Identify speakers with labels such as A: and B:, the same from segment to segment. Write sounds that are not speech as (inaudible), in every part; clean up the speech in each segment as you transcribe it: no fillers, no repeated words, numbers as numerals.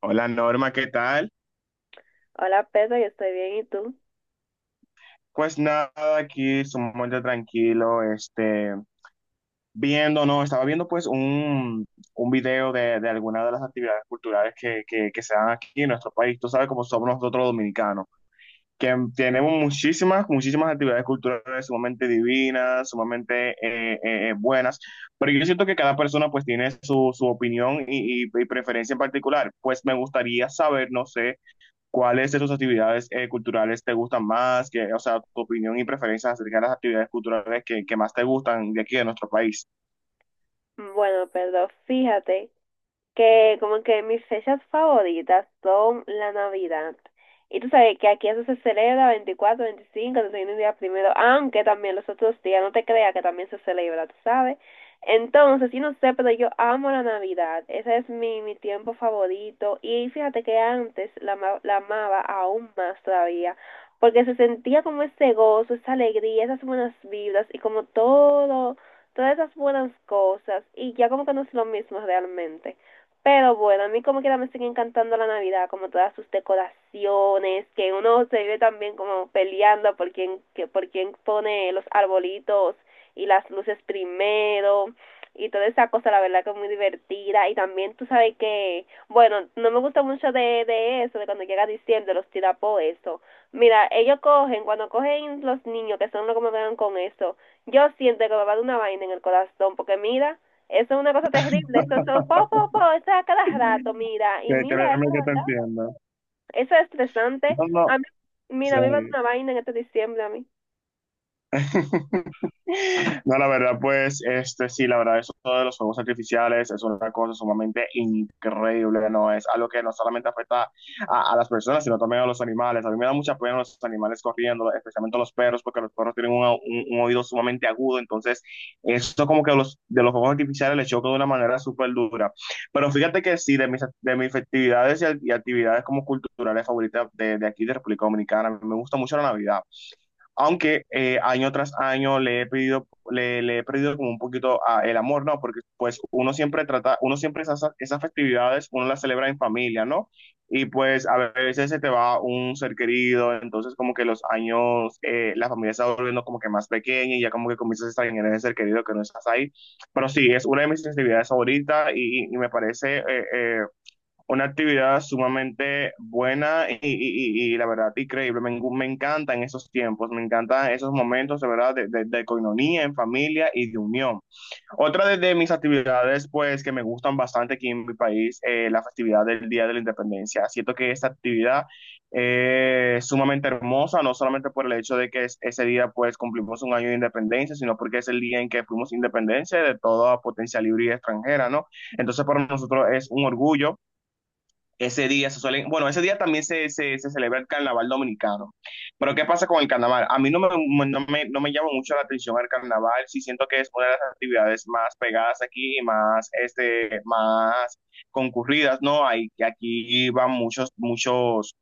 A: Hola Norma, ¿qué tal?
B: Hola Pedro, yo estoy bien, ¿y tú?
A: Pues nada, aquí sumamente tranquilo, viendo, no, estaba viendo pues un video de alguna de las actividades culturales que se dan aquí en nuestro país. Tú sabes cómo somos nosotros los dominicanos, que tenemos muchísimas actividades culturales sumamente divinas, sumamente buenas, pero yo siento que cada persona pues tiene su opinión y preferencia en particular. Pues me gustaría saber, no sé. ¿Cuáles de sus actividades culturales te gustan más? Que, o sea, tu opinión y preferencia acerca de las actividades culturales que más te gustan de aquí de nuestro país.
B: Bueno, Pedro, fíjate que como que mis fechas favoritas son la Navidad. Y tú sabes que aquí eso se celebra 24 25 31 días primero, aunque también los otros días, no te creas que también se celebra, tú sabes. Entonces, sí, no sé, pero yo amo la Navidad. Ese es mi tiempo favorito. Y fíjate que antes la amaba aún más todavía, porque se sentía como ese gozo, esa alegría, esas buenas vibras y como todo, todas esas buenas cosas. Y ya como que no es lo mismo realmente. Pero bueno, a mí como quiera me sigue encantando la Navidad, como todas sus decoraciones, que uno se vive también como peleando por quién pone los arbolitos y las luces primero y toda esa cosa, la verdad que es muy divertida. Y también tú sabes que, bueno, no me gusta mucho de eso, de cuando llega diciembre, los tirapos, eso. Mira, ellos cogen, cuando cogen los niños, que son los que me vean con eso, yo siento que me va a dar una vaina en el corazón, porque mira, eso es una cosa terrible. Eso son
A: (laughs)
B: po, po, po, eso es a cada rato, mira. Y
A: Que
B: mira,
A: créeme
B: eso es
A: que te
B: verdad.
A: entiendo.
B: Eso es estresante.
A: No, no.
B: A mí,
A: Sí.
B: mira, a mí me va a dar una vaina en este diciembre a mí.
A: (laughs) No, la verdad, pues, este, sí, la verdad, eso de los fuegos artificiales es una cosa sumamente increíble, ¿no? Es algo que no solamente afecta a las personas, sino también a los animales. A mí me da mucha pena los animales corriendo, especialmente los perros, porque los perros tienen un oído sumamente agudo, entonces, esto como que los, de los fuegos artificiales les choca de una manera súper dura. Pero fíjate que sí, de mis actividades y actividades como culturales favoritas de aquí de República Dominicana, me gusta mucho la Navidad aunque año tras año le he pedido, le he perdido como un poquito a el amor, ¿no? Porque pues uno siempre trata, uno siempre esas festividades, uno las celebra en familia, ¿no? Y pues a veces se te va un ser querido, entonces como que los años, la familia se va volviendo como que más pequeña y ya como que comienzas a extrañar ese ser querido que no estás ahí. Pero sí, es una de mis festividades favoritas y me parece... eh, una actividad sumamente buena y la verdad increíble. Me encantan esos tiempos, me encantan esos momentos de verdad de coinonía en familia y de unión. Otra de mis actividades pues que me gustan bastante aquí en mi país, la festividad del Día de la Independencia. Siento que esta actividad es sumamente hermosa, no solamente por el hecho de que ese día pues cumplimos un año de independencia, sino porque es el día en que fuimos independencia de toda potencia libre y extranjera, ¿no? Entonces para nosotros es un orgullo ese día se suelen, bueno, ese día también se celebra el carnaval dominicano. Pero ¿qué pasa con el carnaval? A mí no me, no me, no me llama mucho la atención el carnaval, sí siento que es una de las actividades más pegadas aquí, más, este, más concurridas, ¿no? Hay, aquí van muchos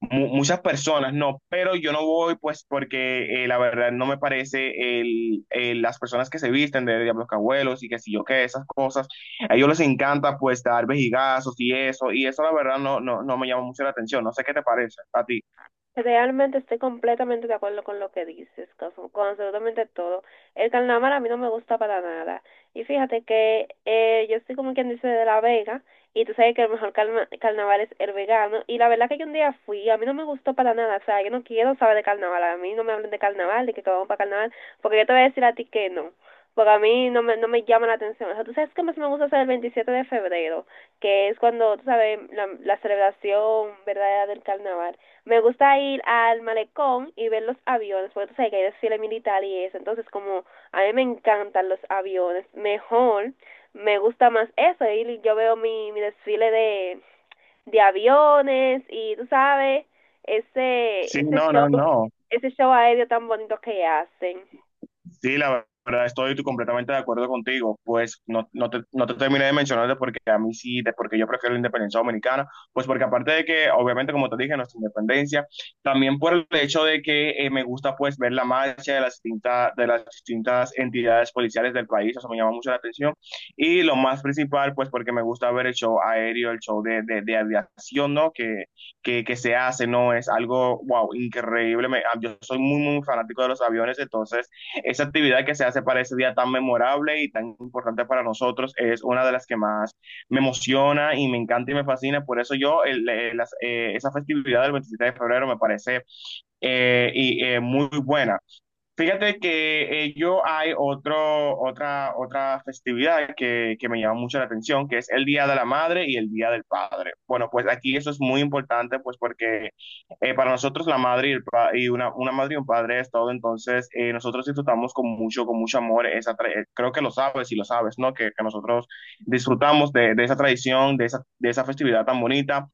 A: muchas personas no, pero yo no voy pues porque la verdad no me parece las personas que se visten de Diablos Cabuelos y que si yo qué, esas cosas, a ellos les encanta pues dar vejigazos y eso la verdad no me llama mucho la atención, no sé qué te parece a ti.
B: Realmente estoy completamente de acuerdo con lo que dices, con absolutamente todo. El carnaval a mí no me gusta para nada. Y fíjate que yo soy como quien dice de La Vega, y tú sabes que el mejor carnaval es el vegano. Y la verdad que yo un día fui, a mí no me gustó para nada. O sea, yo no quiero saber de carnaval. A mí no me hablen de carnaval, de que vamos para carnaval, porque yo te voy a decir a ti que no. Porque a mí no me llama la atención. O sea, tú sabes que más me gusta hacer el 27 de febrero, que es cuando, tú sabes, la celebración verdadera del carnaval me gusta ir al malecón y ver los aviones, porque tú sabes que hay desfile militar y eso. Entonces, como a mí me encantan los aviones, mejor me gusta más eso. Y yo veo mi desfile de aviones y tú sabes, ese,
A: Sí,
B: ese
A: no,
B: show,
A: no, no.
B: ese show aéreo tan bonito que hacen.
A: Sí, la verdad estoy tú completamente de acuerdo contigo. Pues no te terminé de mencionar de por qué a mí sí, de por qué yo prefiero la independencia dominicana. Pues porque aparte de que, obviamente, como te dije, nuestra independencia, también por el hecho de que me gusta pues ver la marcha de de las distintas entidades policiales del país, eso me llama mucho la atención. Y lo más principal, pues porque me gusta ver el show aéreo, el show de aviación, ¿no? Que se hace, ¿no? Es algo, wow, increíble. Yo soy muy fanático de los aviones, entonces... Esa actividad que se hace para ese día tan memorable y tan importante para nosotros es una de las que más me emociona y me encanta y me fascina. Por eso yo, el- las- esa festividad del 27 de febrero me parece muy buena. Fíjate que yo hay otra festividad que me llama mucho la atención, que es el Día de la Madre y el Día del Padre. Bueno, pues aquí eso es muy importante, pues porque para nosotros la madre y una madre y un padre es todo, entonces nosotros disfrutamos con mucho amor esa. Creo que lo sabes y lo sabes, ¿no? Que nosotros disfrutamos de esa tradición, de esa festividad tan bonita.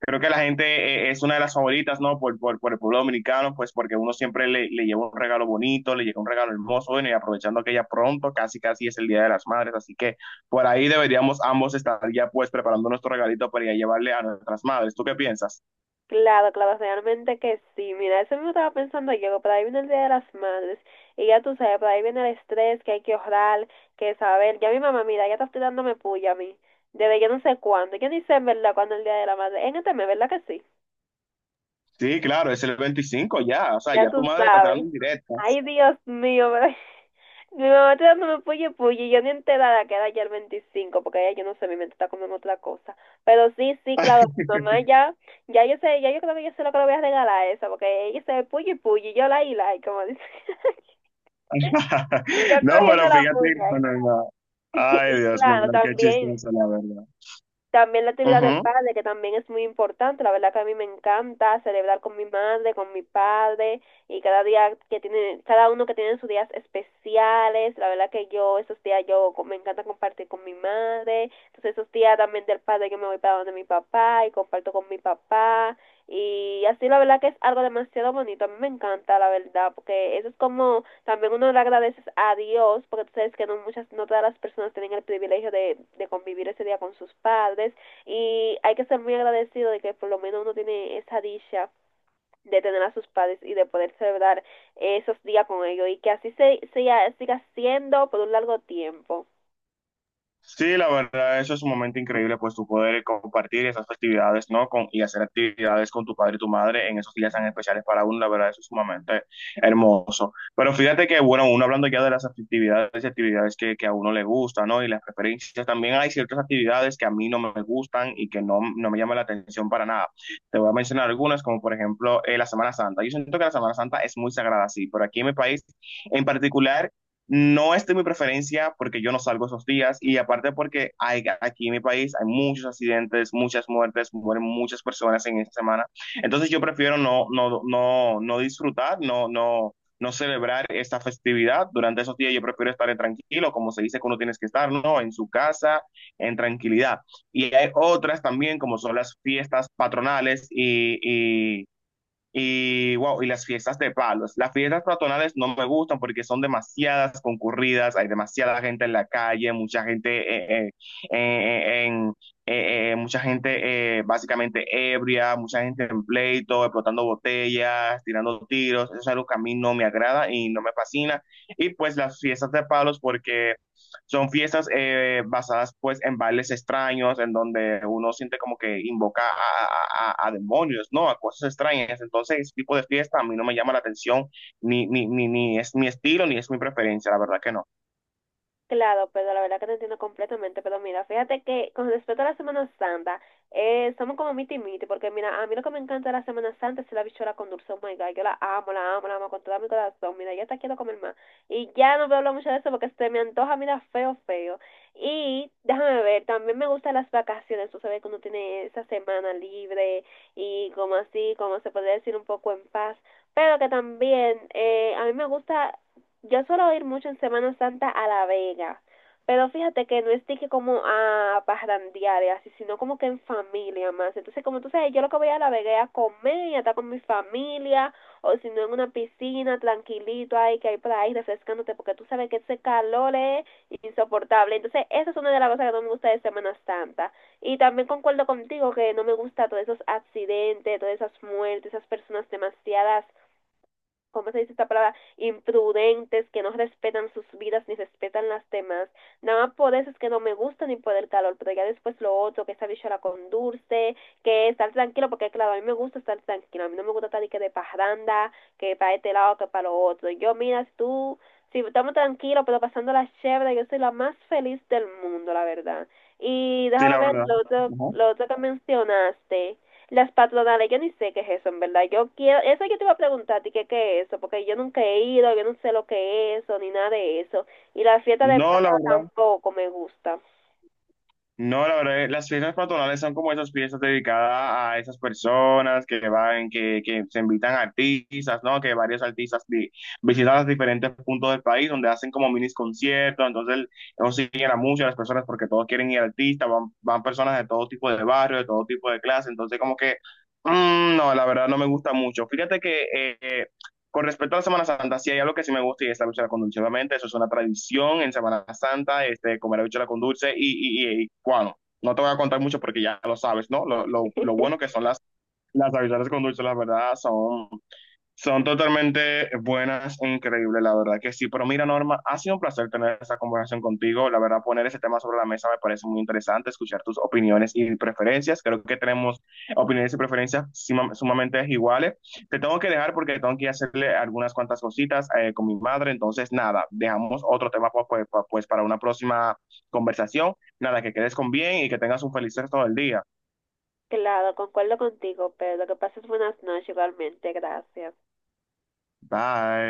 A: Creo que la gente es una de las favoritas, ¿no? Por el pueblo dominicano, pues porque uno siempre le lleva un regalo bonito, le llega un regalo hermoso, bueno, y aprovechando que ya pronto, casi casi es el Día de las Madres, así que por ahí deberíamos ambos estar ya pues preparando nuestro regalito para ir a llevarle a nuestras madres. ¿Tú qué piensas?
B: Claro, claro, realmente que sí. Mira, eso mismo estaba pensando yo, que por ahí viene el Día de las Madres. Y ya tú sabes, por ahí viene el estrés, que hay que ahorrar, que saber. Ya mi mamá, mira, ya está tirándome puya a mí. Desde yo no sé cuándo. Yo ni sé en verdad cuándo es el Día de la Madre. En este mes, ¿verdad que sí?
A: Sí, claro, es el 25 ya, o sea,
B: Ya
A: ya tu
B: tú
A: madre está esperando
B: sabes.
A: en directo.
B: Ay, Dios mío, pero- (laughs) mi mamá está dándome puye puye, y yo ni enterada que era ya el 25 porque ya yo no sé, mi mente está comiendo otra cosa. Pero sí, sí, claro, mi mamá ya, ya yo sé, ya yo creo que yo sé lo que le voy a regalar a esa, porque ella se puye puye, y yo la, y como dice, (laughs)
A: (laughs)
B: y yo
A: No,
B: cogiendo
A: pero
B: la
A: fíjate,
B: puya.
A: bueno, no.
B: (laughs)
A: Ay,
B: Y
A: Dios mío,
B: claro,
A: no, qué
B: también.
A: chistoso, la verdad.
B: También la actividad del
A: Ujú.
B: padre, que también es muy importante. La verdad que a mí me encanta celebrar con mi madre, con mi padre, y cada día que tiene, cada uno que tiene sus días especiales. La verdad que yo, esos días me encanta compartir con mi madre. Entonces esos días también del padre yo me voy para donde mi papá y comparto con mi papá. Y así la verdad que es algo demasiado bonito, a mí me encanta la verdad, porque eso es como también uno le agradeces a Dios, porque tú sabes que no muchas, no todas las personas tienen el privilegio de convivir ese día con sus padres y hay que ser muy agradecido de que por lo menos uno tiene esa dicha de tener a sus padres y de poder celebrar esos días con ellos y que así se siga siendo por un largo tiempo.
A: Sí, la verdad, eso es un momento increíble, pues tú poder compartir esas festividades, ¿no? Con, y hacer actividades con tu padre y tu madre en esos días tan especiales para uno, la verdad, eso es sumamente hermoso. Pero fíjate que, bueno, uno hablando ya de las actividades y actividades que a uno le gusta, ¿no? Y las preferencias, también hay ciertas actividades que a mí no me gustan y que no, no me llaman la atención para nada. Te voy a mencionar algunas, como por ejemplo la Semana Santa. Yo siento que la Semana Santa es muy sagrada, sí, pero aquí en mi país en particular no es de mi preferencia porque yo no salgo esos días y aparte porque hay, aquí en mi país hay muchos accidentes, muchas muertes, mueren muchas personas en esta semana. Entonces yo prefiero no disfrutar, no celebrar esta festividad. Durante esos días yo prefiero estar tranquilo, como se dice que uno tienes que estar, ¿no? En su casa, en tranquilidad. Y hay otras también, como son las fiestas patronales y wow, y las fiestas de palos. Las fiestas patronales no me gustan porque son demasiadas concurridas, hay demasiada gente en la calle, mucha gente eh, en, mucha gente básicamente ebria, mucha gente en pleito, explotando botellas, tirando tiros. Eso es algo que a mí no me agrada y no me fascina. Y pues las fiestas de palos porque son fiestas basadas pues en bailes extraños, en donde uno siente como que invoca a demonios, ¿no? A cosas extrañas. Entonces, ese tipo de fiesta a mí no me llama la atención, ni es mi estilo, ni es mi preferencia, la verdad que no.
B: Claro, pero la verdad que te entiendo completamente, pero mira, fíjate que con respecto a la Semana Santa, somos como miti y miti, porque mira, a mí lo que me encanta de la Semana Santa es la bichuela con dulce, oh my God, yo la amo, la amo, la amo con todo mi corazón, mira, ya hasta quiero comer más, y ya no voy a hablar mucho de eso porque se me antoja, mira, feo, feo, y déjame ver, también me gustan las vacaciones, tú sabes que uno tiene esa semana libre, y como así, como se podría decir, un poco en paz, pero que también, a mí me gusta yo suelo ir mucho en Semana Santa a La Vega, pero fíjate que no es de que como a parrandear y así, sino como que en familia más. Entonces, como tú sabes, yo lo que voy a La Vega es a comer y a estar con mi familia, o si no en una piscina, tranquilito ahí, que hay por ahí refrescándote, porque tú sabes que ese calor es insoportable. Entonces, esa es una de las cosas que no me gusta de Semana Santa. Y también concuerdo contigo que no me gusta todos esos accidentes, todas esas muertes, esas personas demasiadas ¿cómo se dice esta palabra? Imprudentes, que no respetan sus vidas ni respetan las demás. Nada más por eso es que no me gusta ni por el calor, pero ya después lo otro, que esa bichola con dulce, que estar tranquilo, porque claro, a mí me gusta estar tranquilo, a mí no me gusta estar ni que de parranda, que para este lado, que para lo otro. Yo, mira, tú, si estamos tranquilos, pero pasando la chévere, yo soy la más feliz del mundo, la verdad. Y
A: Sí, la
B: déjame ver
A: verdad.
B: lo otro,
A: Ujú.
B: lo otro que mencionaste. Las patronales, yo ni sé qué es eso, en verdad. Yo quiero, eso yo te iba a preguntar a ti qué es eso, porque yo nunca he ido, yo no sé lo que es eso, ni nada de eso. Y la fiesta de
A: No, la
B: Pedro
A: verdad.
B: tampoco me gusta.
A: No, la verdad, las fiestas patronales son como esas fiestas dedicadas a esas personas que van, que se invitan artistas, ¿no? Que varios artistas visitan los diferentes puntos del país donde hacen como minis conciertos, entonces consiguen a muchas las personas porque todos quieren ir al artista, van, van personas de todo tipo de barrio, de todo tipo de clase, entonces como que, mm, no, la verdad no me gusta mucho. Fíjate que... con respecto a la Semana Santa, sí hay algo que sí me gusta y es la bichuela con dulce. Obviamente, eso es una tradición en Semana Santa, este, comer la bichuela con dulce y, bueno, no te voy a contar mucho porque ya lo sabes, ¿no? Lo bueno que
B: (laughs)
A: son las habichuelas con dulce, la verdad, son son totalmente buenas e increíbles, la verdad que sí. Pero mira, Norma, ha sido un placer tener esta conversación contigo. La verdad, poner ese tema sobre la mesa me parece muy interesante, escuchar tus opiniones y preferencias. Creo que tenemos opiniones y preferencias sumamente iguales. Te tengo que dejar porque tengo que hacerle algunas cuantas cositas con mi madre. Entonces, nada, dejamos otro tema pues, para una próxima conversación. Nada, que quedes con bien y que tengas un feliz resto del día.
B: Claro, concuerdo contigo, pero que pases buenas noches igualmente, gracias.
A: Bye.